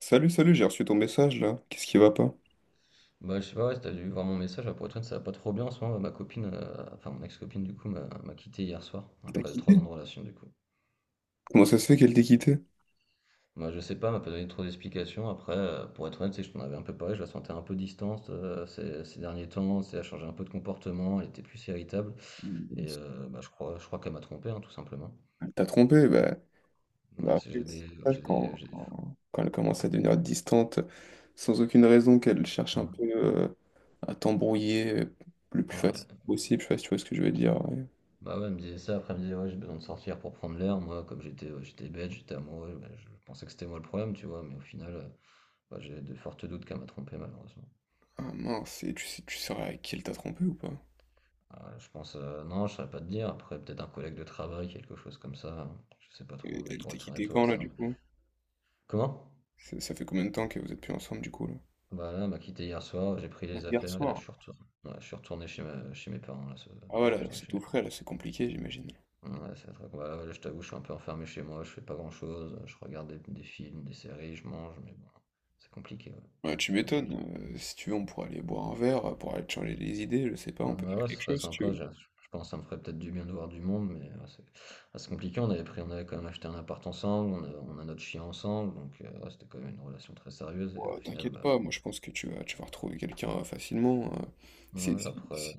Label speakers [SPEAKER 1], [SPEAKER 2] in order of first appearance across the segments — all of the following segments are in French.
[SPEAKER 1] Salut, salut, j'ai reçu ton message là. Qu'est-ce qui va pas?
[SPEAKER 2] Bah, je sais pas, ouais, si tu dû voir mon message, là, pour être honnête, ça va pas trop bien en ce moment. Ma copine, enfin mon ex-copine du coup, m'a quitté hier soir,
[SPEAKER 1] Elle t'a
[SPEAKER 2] après trois
[SPEAKER 1] quitté?
[SPEAKER 2] ans de relation du coup.
[SPEAKER 1] Comment ça se fait qu'elle t'ait quitté?
[SPEAKER 2] Moi je sais pas, elle m'a pas donné trop d'explications. Après, pour être honnête, c'est que je t'en avais un peu parlé, je la sentais un peu distante ces derniers temps, c'est, elle a changé un peu de comportement, elle était plus irritable. Et bah, je crois qu'elle m'a trompé, hein, tout simplement.
[SPEAKER 1] Elle t'a trompé, bah,
[SPEAKER 2] Bah,
[SPEAKER 1] bah après,
[SPEAKER 2] j'ai
[SPEAKER 1] c'est
[SPEAKER 2] des,
[SPEAKER 1] ça,
[SPEAKER 2] j'ai des,
[SPEAKER 1] quand,
[SPEAKER 2] j'ai des...
[SPEAKER 1] quand, quand elle commence à devenir distante, sans aucune raison, qu'elle cherche
[SPEAKER 2] Ouais.
[SPEAKER 1] un peu à t'embrouiller le plus facile possible, je sais pas si tu vois ce que je veux dire. Ouais.
[SPEAKER 2] Bah ouais, elle me disait ça, après elle me disait ouais j'ai besoin de sortir pour prendre l'air, moi comme j'étais j'étais bête, j'étais amoureux, bah, je pensais que c'était moi le problème, tu vois, mais au final, bah, j'ai de fortes doutes qu'elle m'a trompé malheureusement.
[SPEAKER 1] Ah mince, et tu sais, tu sauras avec qui elle t'a trompé ou pas?
[SPEAKER 2] Ah, je pense, non, je saurais pas te dire. Après, peut-être un collègue de travail, quelque chose comme ça, hein. Je sais pas trop,
[SPEAKER 1] Et
[SPEAKER 2] mais
[SPEAKER 1] elle
[SPEAKER 2] pour
[SPEAKER 1] t'a
[SPEAKER 2] être
[SPEAKER 1] quitté
[SPEAKER 2] honnête, ouais,
[SPEAKER 1] quand
[SPEAKER 2] c'est
[SPEAKER 1] là
[SPEAKER 2] un
[SPEAKER 1] du
[SPEAKER 2] peu.
[SPEAKER 1] coup?
[SPEAKER 2] Comment?
[SPEAKER 1] Ça fait combien de temps que vous êtes plus ensemble du coup là?
[SPEAKER 2] Bah là, elle m'a quitté hier soir, j'ai pris
[SPEAKER 1] Ah,
[SPEAKER 2] les
[SPEAKER 1] hier
[SPEAKER 2] affaires et là, je
[SPEAKER 1] soir.
[SPEAKER 2] suis retourné. Ouais, je suis retourné chez mes parents.
[SPEAKER 1] Ah
[SPEAKER 2] Je suis
[SPEAKER 1] voilà,
[SPEAKER 2] retourné
[SPEAKER 1] c'est
[SPEAKER 2] chez
[SPEAKER 1] tout
[SPEAKER 2] mes parents.
[SPEAKER 1] frais, là, c'est compliqué, j'imagine.
[SPEAKER 2] Ouais, c'est vrai que, bah, là, je t'avoue, je suis un peu enfermé chez moi, je fais pas grand-chose. Je regarde des films, des séries, je mange, mais bon, c'est compliqué, ouais.
[SPEAKER 1] Ouais, tu
[SPEAKER 2] C'est
[SPEAKER 1] m'étonnes,
[SPEAKER 2] compliqué.
[SPEAKER 1] si tu veux, on pourrait aller boire un verre, pour aller te changer les idées, je sais pas, on
[SPEAKER 2] Ouais,
[SPEAKER 1] peut
[SPEAKER 2] ouais,
[SPEAKER 1] faire
[SPEAKER 2] ouais, ce
[SPEAKER 1] quelque
[SPEAKER 2] serait
[SPEAKER 1] chose si tu
[SPEAKER 2] sympa.
[SPEAKER 1] veux.
[SPEAKER 2] Je pense que ça me ferait peut-être du bien de voir du monde, mais ouais, c'est compliqué. On avait pris, on avait quand même acheté un appart ensemble, on a notre chien ensemble, donc ouais, c'était quand même une relation très sérieuse. Et
[SPEAKER 1] Ouah,
[SPEAKER 2] au final,
[SPEAKER 1] t'inquiète
[SPEAKER 2] bah,
[SPEAKER 1] pas, moi je pense que tu vas retrouver quelqu'un facilement, si
[SPEAKER 2] ouais,
[SPEAKER 1] si
[SPEAKER 2] après,
[SPEAKER 1] si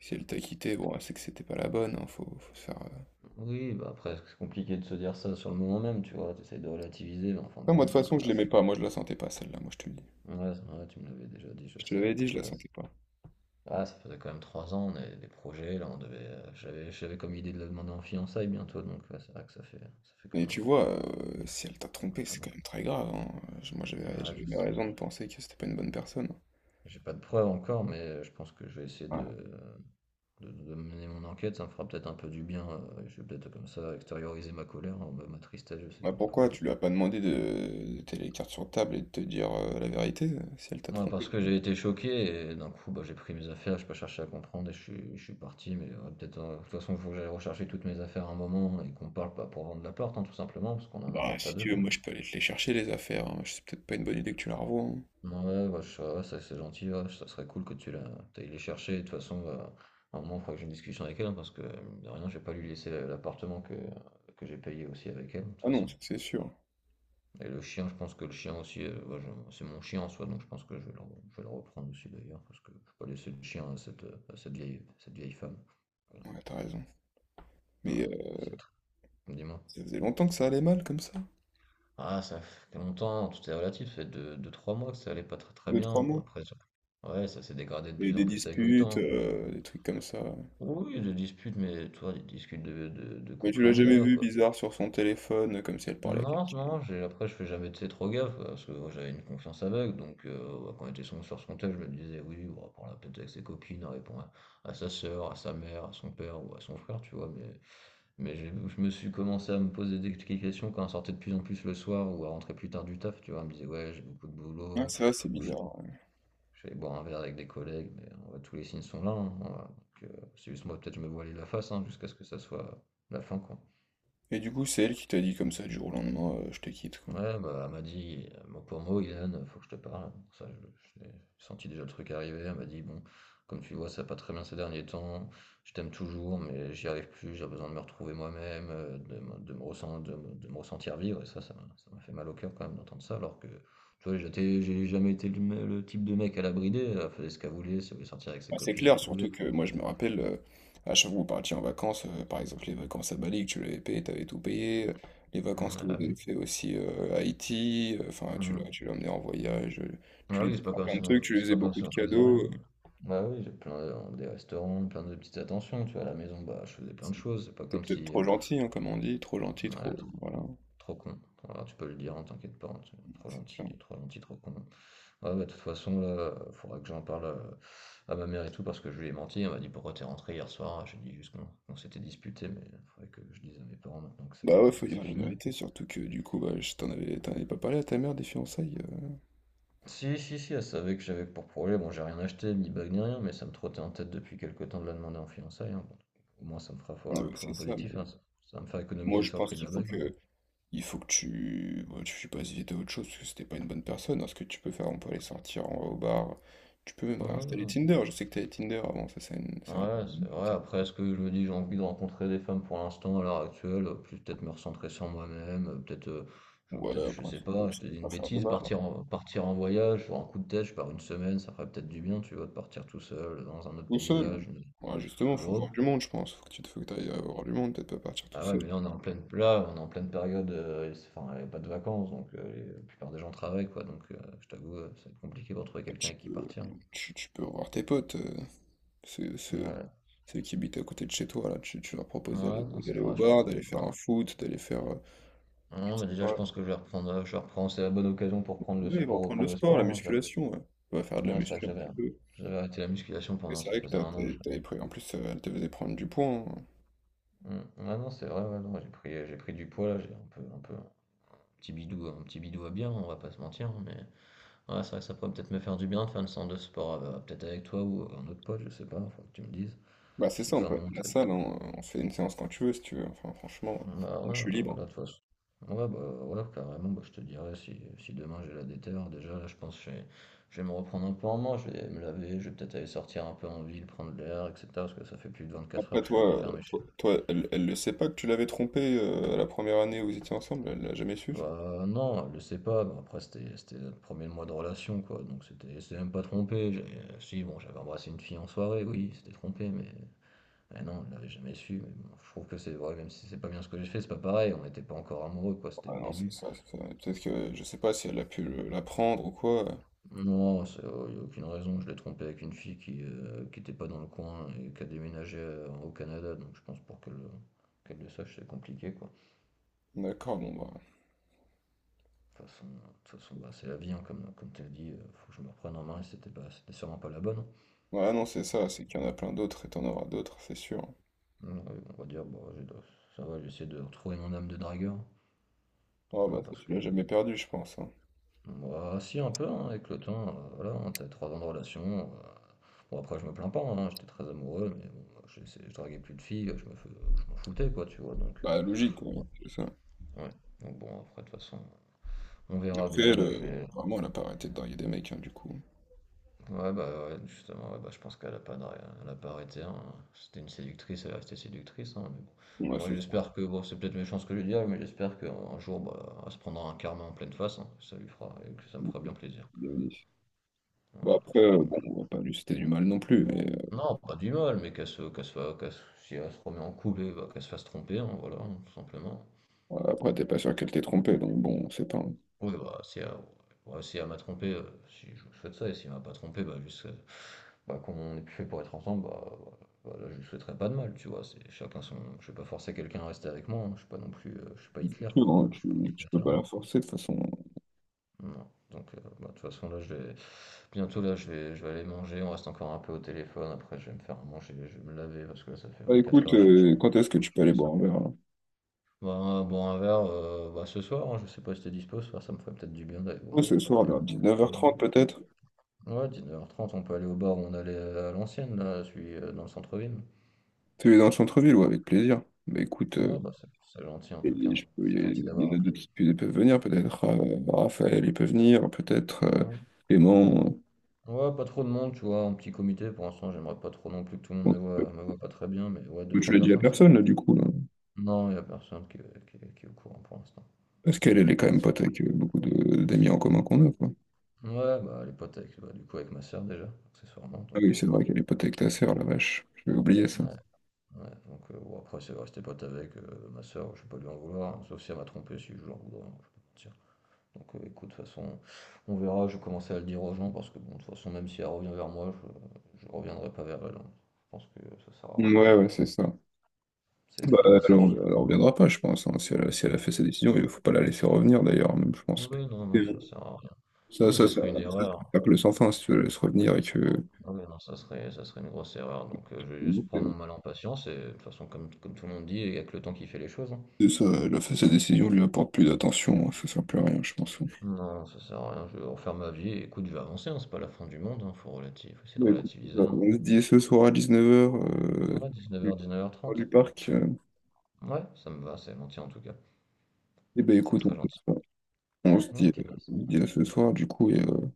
[SPEAKER 1] si elle t'a quitté,
[SPEAKER 2] c'est-
[SPEAKER 1] bon, c'est que c'était pas la bonne, hein, faut se faire,
[SPEAKER 2] oui, bah après, c'est compliqué de se dire ça sur le moment même, tu vois. T'essayes de relativiser, mais en fin de
[SPEAKER 1] non, moi de
[SPEAKER 2] compte,
[SPEAKER 1] toute
[SPEAKER 2] bah,
[SPEAKER 1] façon, je l'aimais pas, moi je la sentais pas celle-là, moi je te le dis.
[SPEAKER 2] ouais, ouais, tu me l'avais déjà dit, je
[SPEAKER 1] Je te
[SPEAKER 2] sais.
[SPEAKER 1] l'avais dit, je la
[SPEAKER 2] Après,
[SPEAKER 1] sentais pas.
[SPEAKER 2] ah, ça faisait quand même 3 ans, on avait des projets. Là, on devait, j'avais comme idée de la demander en fiançailles bientôt, donc ouais, c'est vrai que ça fait quand
[SPEAKER 1] Et
[SPEAKER 2] même.
[SPEAKER 1] tu vois, si elle t'a trompé,
[SPEAKER 2] Quand
[SPEAKER 1] c'est
[SPEAKER 2] même
[SPEAKER 1] quand même très grave, hein, moi j'avais
[SPEAKER 2] Ouais,
[SPEAKER 1] j'avais
[SPEAKER 2] je
[SPEAKER 1] mes
[SPEAKER 2] sais.
[SPEAKER 1] raisons de penser que c'était pas une bonne personne,
[SPEAKER 2] J'ai pas de preuves encore, mais je pense que je vais essayer
[SPEAKER 1] hein.
[SPEAKER 2] de mener mon enquête. Ça me fera peut-être un peu du bien. Je vais peut-être comme ça extérioriser ma colère, hein, bah, ma tristesse, je sais
[SPEAKER 1] Bah
[SPEAKER 2] pas
[SPEAKER 1] pourquoi?
[SPEAKER 2] encore.
[SPEAKER 1] Tu lui as pas demandé de t'aller les cartes sur table et de te dire la vérité, si elle t'a
[SPEAKER 2] Non, parce
[SPEAKER 1] trompé.
[SPEAKER 2] que j'ai été choqué et d'un coup, bah, j'ai pris mes affaires. J'ai pas cherché à comprendre et je suis parti. Mais ouais, peut-être, de toute façon, il faut que j'aille rechercher toutes mes affaires à un moment et qu'on parle pas pour vendre l'appart, hein, tout simplement, parce qu'on a un
[SPEAKER 1] Bah
[SPEAKER 2] appart à
[SPEAKER 1] si
[SPEAKER 2] deux
[SPEAKER 1] tu veux,
[SPEAKER 2] quand
[SPEAKER 1] moi
[SPEAKER 2] même.
[SPEAKER 1] je peux aller te les chercher les affaires, hein. C'est peut-être pas une bonne idée que tu la revoies. Hein.
[SPEAKER 2] Ouais, bah, ça c'est gentil, ouais, ça serait cool que t'ailles les chercher. De toute façon, bah, à un moment, il faudra que j'ai une discussion avec elle, hein, parce que, mine de rien, je vais pas lui laisser l'appartement que j'ai payé aussi avec elle, de toute
[SPEAKER 1] Ah non,
[SPEAKER 2] façon.
[SPEAKER 1] ça, c'est sûr.
[SPEAKER 2] Et le chien, je pense que le chien aussi, bah, c'est mon chien en soi, donc je pense que je vais je vais le reprendre aussi d'ailleurs, parce que je peux pas laisser le chien à à cette vieille femme. Voilà.
[SPEAKER 1] Ouais, t'as raison.
[SPEAKER 2] Ouais,
[SPEAKER 1] Mais
[SPEAKER 2] c'est tr- Dis-moi.
[SPEAKER 1] ça faisait longtemps que ça allait mal comme ça.
[SPEAKER 2] Ah, ça fait longtemps, tout est relatif, ça fait 2 trois mois que ça allait pas très très
[SPEAKER 1] Deux,
[SPEAKER 2] bien.
[SPEAKER 1] trois
[SPEAKER 2] Bon,
[SPEAKER 1] mois.
[SPEAKER 2] après, ouais, ça s'est dégradé de
[SPEAKER 1] Et
[SPEAKER 2] plus en
[SPEAKER 1] des
[SPEAKER 2] plus avec le
[SPEAKER 1] disputes,
[SPEAKER 2] temps.
[SPEAKER 1] des trucs comme ça.
[SPEAKER 2] Oui, des disputes, mais toi, des disputes de
[SPEAKER 1] Mais tu
[SPEAKER 2] couple
[SPEAKER 1] l'as jamais
[SPEAKER 2] lambda,
[SPEAKER 1] vu
[SPEAKER 2] quoi.
[SPEAKER 1] bizarre sur son téléphone, comme si elle parlait à
[SPEAKER 2] Non,
[SPEAKER 1] quelqu'un.
[SPEAKER 2] non, j'ai, après, je fais jamais, tu sais, trop gaffe, quoi, parce que moi, j'avais une confiance aveugle, donc bah, quand on était sur son tel, je me disais, oui, bon, on va prendre la tête avec ses copines, elle répond à sa sœur, à sa mère, à son père ou à son frère, tu vois, mais je me suis commencé à me poser des questions quand on sortait de plus en plus le soir ou à rentrer plus tard du taf, tu vois, elle me disait, ouais, j'ai beaucoup de
[SPEAKER 1] Ah
[SPEAKER 2] boulot,
[SPEAKER 1] ça, c'est bizarre. Ouais.
[SPEAKER 2] je vais aller boire un verre avec des collègues, mais tous les signes sont là, hein, donc, c'est juste moi, peut-être je me voilais la face hein, jusqu'à ce que ça soit la fin, quoi.
[SPEAKER 1] Et du coup, c'est elle qui t'a dit comme ça du jour au lendemain, je te quitte, quoi.
[SPEAKER 2] Ouais, bah, elle m'a dit, mot pour mot, Ilan, faut que je te parle. Ça, je l'ai senti déjà le truc arriver. Elle m'a dit, bon, comme tu vois, ça va pas très bien ces derniers temps. Je t'aime toujours, mais j'y arrive plus. J'ai besoin de me retrouver moi-même, de me ressentir, de me ressentir vivre. Et ça, ça m'a fait mal au cœur quand même d'entendre ça, alors que, tu vois, j'ai jamais été le type de mec à la brider. Elle faisait ce qu'elle voulait. Si elle voulait sortir avec ses
[SPEAKER 1] Bah, c'est
[SPEAKER 2] copines, elle
[SPEAKER 1] clair, surtout
[SPEAKER 2] pouvait.
[SPEAKER 1] que moi je me rappelle, à chaque fois que vous partiez en vacances, par exemple les vacances à Bali, que tu l'avais payé, t'avais tout payé, les vacances
[SPEAKER 2] Mmh,
[SPEAKER 1] que vous
[SPEAKER 2] ah oui.
[SPEAKER 1] avez fait aussi à Haïti, enfin tu
[SPEAKER 2] Mmh.
[SPEAKER 1] l'as tu l'as emmené en voyage, tu
[SPEAKER 2] Ah
[SPEAKER 1] lui
[SPEAKER 2] oui,
[SPEAKER 1] faisais faire plein de trucs, tu lui
[SPEAKER 2] c'est
[SPEAKER 1] faisais
[SPEAKER 2] pas comme
[SPEAKER 1] beaucoup
[SPEAKER 2] si
[SPEAKER 1] de
[SPEAKER 2] on faisait
[SPEAKER 1] cadeaux,
[SPEAKER 2] rien. Bah oui, des restaurants, plein de petites attentions, tu vois, à la maison, bah je faisais plein de choses, c'est pas
[SPEAKER 1] t'es
[SPEAKER 2] comme
[SPEAKER 1] peut-être
[SPEAKER 2] si...
[SPEAKER 1] trop gentil, hein, comme on dit, trop gentil,
[SPEAKER 2] ouais,
[SPEAKER 1] trop...
[SPEAKER 2] trop,
[SPEAKER 1] Voilà,
[SPEAKER 2] trop con. Voilà, tu peux le dire, hein, t'inquiète pas, hein, trop
[SPEAKER 1] c'est ça.
[SPEAKER 2] gentil, trop gentil, trop con. Ouais, bah de toute façon, là, faudra que j'en parle ma mère et tout, parce que je lui ai menti, elle m'a dit pourquoi t'es rentré hier soir, j'ai dit juste qu'on s'était disputé, mais il faudrait que je dise à mes parents maintenant que,
[SPEAKER 1] Bah ouais,
[SPEAKER 2] que
[SPEAKER 1] faut
[SPEAKER 2] ça c'est
[SPEAKER 1] dire la
[SPEAKER 2] fini.
[SPEAKER 1] vérité, surtout que du coup, bah, t'en avais pas parlé à ta mère des fiançailles.
[SPEAKER 2] Si, si, si, elle savait que j'avais pour projet. Bon, j'ai rien acheté, ni bague, ni rien, mais ça me trottait en tête depuis quelque temps de la demander en fiançailles, hein. Bon, au moins, ça me fera
[SPEAKER 1] Euh.
[SPEAKER 2] voir le
[SPEAKER 1] Ouais, c'est
[SPEAKER 2] point
[SPEAKER 1] ça, mais
[SPEAKER 2] positif, hein. Ça va me faire
[SPEAKER 1] moi
[SPEAKER 2] économiser
[SPEAKER 1] je
[SPEAKER 2] sur le
[SPEAKER 1] pense
[SPEAKER 2] prix de
[SPEAKER 1] qu'il
[SPEAKER 2] la
[SPEAKER 1] faut
[SPEAKER 2] bague,
[SPEAKER 1] que
[SPEAKER 2] hein.
[SPEAKER 1] il faut que tu, bon, tu passes vite à autre chose parce que c'était pas une bonne personne. Alors, ce que tu peux faire, on peut aller sortir au bar. Tu peux même
[SPEAKER 2] Ouais, ouais,
[SPEAKER 1] réinstaller
[SPEAKER 2] non.
[SPEAKER 1] Tinder. Je sais que t'avais Tinder avant, ça c'est un peu.
[SPEAKER 2] Ouais, c'est vrai. Après, est-ce que je me dis, j'ai envie de rencontrer des femmes pour l'instant, à l'heure actuelle, plus peut-être me recentrer sur moi-même,
[SPEAKER 1] Ouais,
[SPEAKER 2] je
[SPEAKER 1] après,
[SPEAKER 2] sais pas, je
[SPEAKER 1] ça
[SPEAKER 2] te
[SPEAKER 1] peut
[SPEAKER 2] dis une
[SPEAKER 1] pas faire de
[SPEAKER 2] bêtise,
[SPEAKER 1] mal.
[SPEAKER 2] partir
[SPEAKER 1] Hein.
[SPEAKER 2] en, partir en voyage, pour un coup de tête, je pars une semaine, ça ferait peut-être du bien, tu vois, de partir tout seul, dans un autre
[SPEAKER 1] Tout seul.
[SPEAKER 2] paysage.
[SPEAKER 1] Ouais, justement, faut
[SPEAKER 2] Ouais,
[SPEAKER 1] voir du monde, je pense. Faut que t'ailles voir du monde, peut-être pas partir tout
[SPEAKER 2] ah ouais,
[SPEAKER 1] seul.
[SPEAKER 2] mais là on est en pleine, là, on est en pleine période, enfin, il n'y a pas de vacances, donc la plupart des gens travaillent, quoi. Donc je t'avoue, ça va être compliqué pour trouver
[SPEAKER 1] Bah,
[SPEAKER 2] quelqu'un avec qui partir.
[SPEAKER 1] tu peux revoir tes potes, ceux,
[SPEAKER 2] Ouais,
[SPEAKER 1] ceux-
[SPEAKER 2] ouais,
[SPEAKER 1] ceux qui habitent à côté de chez toi, là. Tu leur proposes
[SPEAKER 2] non, c'est
[SPEAKER 1] d'aller au
[SPEAKER 2] vrai, je
[SPEAKER 1] bar,
[SPEAKER 2] pourrais aller
[SPEAKER 1] d'aller faire un
[SPEAKER 2] voir.
[SPEAKER 1] foot, d'aller faire, je
[SPEAKER 2] Non, mais
[SPEAKER 1] sais
[SPEAKER 2] déjà, je
[SPEAKER 1] pas.
[SPEAKER 2] pense que je vais reprendre, je reprends, c'est la bonne occasion pour prendre
[SPEAKER 1] Ouais, ils vont
[SPEAKER 2] pour
[SPEAKER 1] reprendre le
[SPEAKER 2] reprendre le
[SPEAKER 1] sport, la
[SPEAKER 2] sport, hein, j'avoue.
[SPEAKER 1] musculation, ouais. On va faire de la
[SPEAKER 2] Ouais, c'est vrai que
[SPEAKER 1] muscu un petit peu.
[SPEAKER 2] j'avais arrêté la musculation
[SPEAKER 1] Mais
[SPEAKER 2] pendant,
[SPEAKER 1] c'est
[SPEAKER 2] ça
[SPEAKER 1] vrai que
[SPEAKER 2] faisait un an que je...
[SPEAKER 1] t'avais pris. En plus, elle te faisait prendre du poids. Hein.
[SPEAKER 2] Mm. Ouais, non, c'est vrai, ouais, non, j'ai pris du poids là, j'ai un peu, un peu, un petit bidou à bien, on va pas se mentir, mais. Ouais, c'est vrai que ça pourrait peut-être me faire du bien de faire une séance de sport, peut-être avec toi ou un autre pote, je sais pas, faut que tu me dises.
[SPEAKER 1] Bah, c'est
[SPEAKER 2] Si
[SPEAKER 1] ça, on
[SPEAKER 2] toi,
[SPEAKER 1] peut
[SPEAKER 2] mon
[SPEAKER 1] aller
[SPEAKER 2] un
[SPEAKER 1] à la salle, hein. On se fait une séance quand tu veux, si tu veux. Enfin, franchement,
[SPEAKER 2] Bah
[SPEAKER 1] moi, je
[SPEAKER 2] ouais,
[SPEAKER 1] suis libre.
[SPEAKER 2] là, de toute façon. Ouais, bah ouais, carrément, bah, je te dirais si, si demain j'ai la déterre. Déjà, là, je pense que je vais me reprendre un peu en main, je vais me laver, je vais peut-être aller sortir un peu en ville, prendre l'air, etc. Parce que ça fait plus de 24 heures
[SPEAKER 1] Après,
[SPEAKER 2] que je suis enfermé chez.
[SPEAKER 1] elle le sait pas que tu l'avais trompé la première année où vous étiez ensemble, elle l'a jamais su, ça.
[SPEAKER 2] Bah non, je sais pas, bah, après, c'était notre premier mois de relation, quoi. Donc, c'était même pas trompé. Si, bon, j'avais embrassé une fille en soirée, oui, c'était trompé, mais ah non, elle l'avait jamais su, mais bon, je trouve que c'est vrai, même si c'est pas bien ce que j'ai fait, c'est pas pareil, on n'était pas encore amoureux, quoi, c'était le
[SPEAKER 1] Ah non,
[SPEAKER 2] début.
[SPEAKER 1] c'est ça. Peut-être que je sais pas si elle a pu l'apprendre ou quoi.
[SPEAKER 2] Non, il n'y a aucune raison, je l'ai trompé avec une fille qui était pas dans le coin et qui a déménagé au Canada, donc je pense pour qu'elle le sache, c'est compliqué, quoi.
[SPEAKER 1] D'accord, bon, bah.
[SPEAKER 2] De toute façon, bah, c'est la vie, hein, comme tu as dit, faut que je me reprenne en main, et c'était sûrement pas la bonne, hein.
[SPEAKER 1] Ouais, non, c'est
[SPEAKER 2] C'était
[SPEAKER 1] ça, c'est
[SPEAKER 2] sûrement-
[SPEAKER 1] qu'il y en a plein d'autres et t'en auras d'autres, c'est sûr.
[SPEAKER 2] Ouais, on va dire, bon, ça va, j'essaie de retrouver mon âme de dragueur,
[SPEAKER 1] Ah, bah,
[SPEAKER 2] voilà,
[SPEAKER 1] toi,
[SPEAKER 2] parce
[SPEAKER 1] tu
[SPEAKER 2] que
[SPEAKER 1] l'as jamais perdu, je pense. Hein.
[SPEAKER 2] bah, si, un peu, hein, avec le temps, voilà, hein, t'as 3 ans de relation. Bon, après, je me plains pas, hein, j'étais très amoureux, mais bon, moi, je draguais plus de filles, je m'en foutais, quoi, tu vois, donc,
[SPEAKER 1] Bah, logique,
[SPEAKER 2] ouais,
[SPEAKER 1] ouais, c'est ça.
[SPEAKER 2] ouais. Donc bon, après, de toute façon, on verra
[SPEAKER 1] Après,
[SPEAKER 2] bien,
[SPEAKER 1] elle,
[SPEAKER 2] là, je vais.
[SPEAKER 1] vraiment, elle a pas arrêté de draguer des mecs, hein, du coup.
[SPEAKER 2] Ouais, bah, ouais, justement, ouais, bah, je pense qu'elle a pas, d'arr- elle a pas arrêté, hein. C'était une séductrice, elle est restée séductrice, hein, mais bon.
[SPEAKER 1] Ouais,
[SPEAKER 2] Moi,
[SPEAKER 1] c'est ça.
[SPEAKER 2] j'espère que, bon, c'est peut-être méchant ce que je dis, mais j'espère qu'un jour, bah, elle se prendra un karma en pleine face, hein, ça lui fera, et que ça me fera
[SPEAKER 1] Bon,
[SPEAKER 2] bien plaisir. Voilà,
[SPEAKER 1] après,
[SPEAKER 2] parce que, bon,
[SPEAKER 1] bon, on va pas lui citer du mal non plus, mais
[SPEAKER 2] non, pas du mal, mais qu'elle se, qu'elle soit, qu'elle se- si elle se remet en couple, eh ben, qu'elle se fasse tromper, hein, voilà, hein, tout simplement.
[SPEAKER 1] ouais, après, t'es pas sûr qu'elle t'ait trompé, donc bon, c'est pas un
[SPEAKER 2] Oui, bah, si elle, ouais, si elle m'a trompé, si je vous souhaite ça, et si elle m'a pas trompé, bah, juste, bah, qu'on est plus fait pour être ensemble, bah, voilà, voilà, je lui souhaiterais pas de mal, tu vois, c'est chacun son. Je vais pas forcer quelqu'un à rester avec moi, hein, je suis pas non plus, je suis pas Hitler,
[SPEAKER 1] futur,
[SPEAKER 2] quoi, hein,
[SPEAKER 1] hein,
[SPEAKER 2] je suis pas un
[SPEAKER 1] tu peux
[SPEAKER 2] dictateur,
[SPEAKER 1] pas
[SPEAKER 2] hein,
[SPEAKER 1] la forcer de toute façon.
[SPEAKER 2] non. Donc, bah, de toute façon, là, bientôt, là, je vais aller manger, on reste encore un peu au téléphone, après, je vais me faire à manger, je vais me laver, parce que là, ça fait
[SPEAKER 1] Bah
[SPEAKER 2] 24
[SPEAKER 1] écoute,
[SPEAKER 2] heures, je-
[SPEAKER 1] quand est-ce que tu peux aller boire un verre là?
[SPEAKER 2] bah, boire un verre, bah, ce soir, hein, je sais pas si t'es dispo ce soir, ça me ferait peut-être du bien d'aller
[SPEAKER 1] Ouais,
[SPEAKER 2] boire
[SPEAKER 1] ce
[SPEAKER 2] un
[SPEAKER 1] soir,
[SPEAKER 2] d'aller
[SPEAKER 1] vers 19:30 peut-être.
[SPEAKER 2] boire ouais, 19:30, on peut aller au bar où on allait, à l'ancienne, là, celui, dans le centre-ville.
[SPEAKER 1] Tu es dans le centre-ville, ouais, avec plaisir. Bah écoute,
[SPEAKER 2] Ouais, bah, c'est gentil, en tout cas.
[SPEAKER 1] et je peux, il y
[SPEAKER 2] C'est
[SPEAKER 1] a
[SPEAKER 2] gentil
[SPEAKER 1] il
[SPEAKER 2] d'avoir
[SPEAKER 1] y en a
[SPEAKER 2] appelé.
[SPEAKER 1] d'autres qui ils peuvent venir, peut-être Raphaël, il peut venir, peut-être
[SPEAKER 2] Mmh.
[SPEAKER 1] Clément. Euh,
[SPEAKER 2] Ouais, pas trop de monde, tu vois, en petit comité, pour l'instant, j'aimerais pas trop non plus que tout le monde me voit pas très bien, mais ouais, deux
[SPEAKER 1] bon, tu
[SPEAKER 2] trois
[SPEAKER 1] l'as dit à
[SPEAKER 2] personnes, c'est bon.
[SPEAKER 1] personne, là, du coup, là.
[SPEAKER 2] Non, il y a personne qui est au courant pour l'instant.
[SPEAKER 1] Parce qu'elle, elle est quand même pote avec d'amis en commun qu'on a, quoi.
[SPEAKER 2] Ouais, bah, les potes avec bah, du coup, avec ma sœur déjà, accessoirement,
[SPEAKER 1] Ah
[SPEAKER 2] donc
[SPEAKER 1] oui, c'est vrai qu'elle est pote avec ta sœur, la vache. J'avais oublié ça.
[SPEAKER 2] ouais. Ouais, donc bon, après, c'est resté pote avec ma soeur, je ne vais pas lui en vouloir, hein, sauf si elle m'a trompé, si je lui en voudrais, hein, je peux pas mentir. Donc écoute, de toute façon, on verra, je vais commencer à le dire aux gens, parce que bon, de toute façon, même si elle revient vers moi, je reviendrai pas vers elle, hein. Je pense que ça sert à rien.
[SPEAKER 1] Ouais, ouais, c'est ça.
[SPEAKER 2] C'est
[SPEAKER 1] Bah,
[SPEAKER 2] fini, c'est fini.
[SPEAKER 1] elle en reviendra pas, je pense. Hein. Si elle a fait sa décision, il faut pas la laisser revenir, d'ailleurs, même, je pense.
[SPEAKER 2] Oui, non,
[SPEAKER 1] C'est
[SPEAKER 2] non,
[SPEAKER 1] bon.
[SPEAKER 2] ça sert à rien.
[SPEAKER 1] Ça,
[SPEAKER 2] Oui,
[SPEAKER 1] ça,
[SPEAKER 2] ce
[SPEAKER 1] ça,
[SPEAKER 2] serait une
[SPEAKER 1] ça,
[SPEAKER 2] erreur.
[SPEAKER 1] ça que le sans fin, si tu la laisses revenir et que...
[SPEAKER 2] Oui, non, ça serait une grosse erreur. Donc je vais juste prendre mon mal en patience, et de toute façon, comme tout le monde dit, il y a que le temps qui fait les choses, hein.
[SPEAKER 1] C'est ça, elle a fait sa décision, lui apporte plus d'attention, hein, ça sert plus à rien, je pense.
[SPEAKER 2] Non, ça sert à rien, je vais refaire ma vie et écoute, je vais avancer, hein, c'est pas la fin du monde, hein, faut essayer de
[SPEAKER 1] Bah, écoute,
[SPEAKER 2] relativiser,
[SPEAKER 1] alors,
[SPEAKER 2] hein.
[SPEAKER 1] on se dit ce soir à 19h,
[SPEAKER 2] Ouais, 19h,
[SPEAKER 1] du
[SPEAKER 2] 19h30.
[SPEAKER 1] parc. Euh,
[SPEAKER 2] Ouais, ça me va, c'est gentil en tout cas.
[SPEAKER 1] eh ben
[SPEAKER 2] C'est
[SPEAKER 1] écoute,
[SPEAKER 2] très
[SPEAKER 1] on fait
[SPEAKER 2] gentil.
[SPEAKER 1] ça.
[SPEAKER 2] Ok,
[SPEAKER 1] On se dit à ce soir, du coup,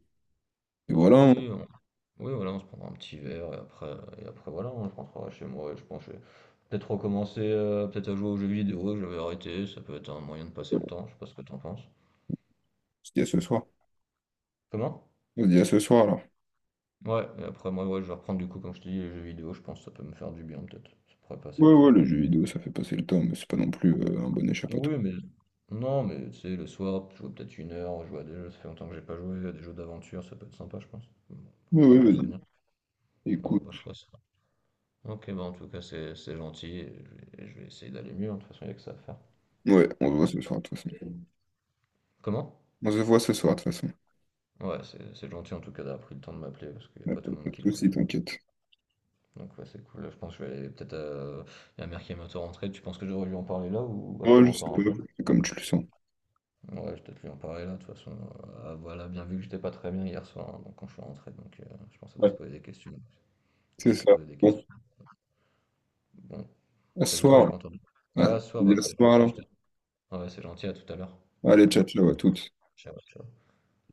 [SPEAKER 1] et voilà,
[SPEAKER 2] oui, on- oui, voilà, on se prendra un petit verre et après voilà, on je rentrerai chez moi et je pense que je vais peut-être recommencer, peut-être à jouer aux jeux vidéo, je vais arrêter, ça peut être un moyen de passer le
[SPEAKER 1] on
[SPEAKER 2] temps, je sais pas ce que t'en penses.
[SPEAKER 1] se dit à ce soir.
[SPEAKER 2] Comment?
[SPEAKER 1] On se dit à ce soir, alors.
[SPEAKER 2] Ouais, et après moi, ouais, je vais reprendre du coup, comme je te dis, les jeux vidéo, je pense que ça peut me faire du bien peut-être. Ça pourrait passer le
[SPEAKER 1] Ouais, ouais,
[SPEAKER 2] temps.
[SPEAKER 1] le jeu vidéo, ça fait passer le temps, mais c'est pas non plus un bon
[SPEAKER 2] Oui,
[SPEAKER 1] échappatoire.
[SPEAKER 2] mais non, mais tu sais, le soir, jouer peut-être 1 heure, jouer à des jeux, ça fait longtemps que j'ai pas joué à des jeux d'aventure, ça peut être sympa, je pense. Bon, pour
[SPEAKER 1] Ouais,
[SPEAKER 2] rappeler
[SPEAKER 1] ouais,
[SPEAKER 2] de bons
[SPEAKER 1] vas-y.
[SPEAKER 2] souvenirs. Bon,
[SPEAKER 1] Écoute.
[SPEAKER 2] bah, je ferai ça. Ok, bah en tout cas, c'est gentil, et et je vais essayer d'aller mieux, hein, de toute façon, il n'y a que ça à faire.
[SPEAKER 1] Ouais, on se voit ce soir, de toute façon.
[SPEAKER 2] Comment?
[SPEAKER 1] On se voit ce soir, de toute façon.
[SPEAKER 2] Ouais, c'est gentil en tout cas d'avoir pris le temps de m'appeler, parce qu'il n'y a
[SPEAKER 1] Ouais,
[SPEAKER 2] pas
[SPEAKER 1] Pas
[SPEAKER 2] tout le
[SPEAKER 1] pas
[SPEAKER 2] monde
[SPEAKER 1] de
[SPEAKER 2] qui l'aurait
[SPEAKER 1] soucis,
[SPEAKER 2] fait.
[SPEAKER 1] t'inquiète.
[SPEAKER 2] Donc ouais, c'est cool, là, je pense que je vais aller peut-être à la mère qui est bientôt rentrée. Tu penses que j'aurais dû en parler là, ou
[SPEAKER 1] Ouais,
[SPEAKER 2] attendre
[SPEAKER 1] je sais
[SPEAKER 2] encore
[SPEAKER 1] pas,
[SPEAKER 2] un peu?
[SPEAKER 1] c'est comme tu le sens.
[SPEAKER 2] Ouais, je vais peut-être lui en parler là, de toute façon. Voilà, bien vu que j'étais pas très bien hier soir, hein, donc quand je suis rentré, donc je pense qu'elle va se
[SPEAKER 1] Ouais,
[SPEAKER 2] poser des questions. On
[SPEAKER 1] c'est
[SPEAKER 2] va se
[SPEAKER 1] ça.
[SPEAKER 2] poser des
[SPEAKER 1] Bon,
[SPEAKER 2] questions. Bon,
[SPEAKER 1] à ce
[SPEAKER 2] t'as dit quoi? J'ai
[SPEAKER 1] soir.
[SPEAKER 2] pas entendu.
[SPEAKER 1] Ouais,
[SPEAKER 2] Ouais,
[SPEAKER 1] on
[SPEAKER 2] à ce soir,
[SPEAKER 1] se
[SPEAKER 2] bah,
[SPEAKER 1] dit à ce
[SPEAKER 2] c'est
[SPEAKER 1] soir,
[SPEAKER 2] gentil,
[SPEAKER 1] alors.
[SPEAKER 2] ouais, c'est gentil, à tout à l'heure.
[SPEAKER 1] Allez,
[SPEAKER 2] Allez,
[SPEAKER 1] ciao, ciao à toutes.
[SPEAKER 2] ciao, ciao.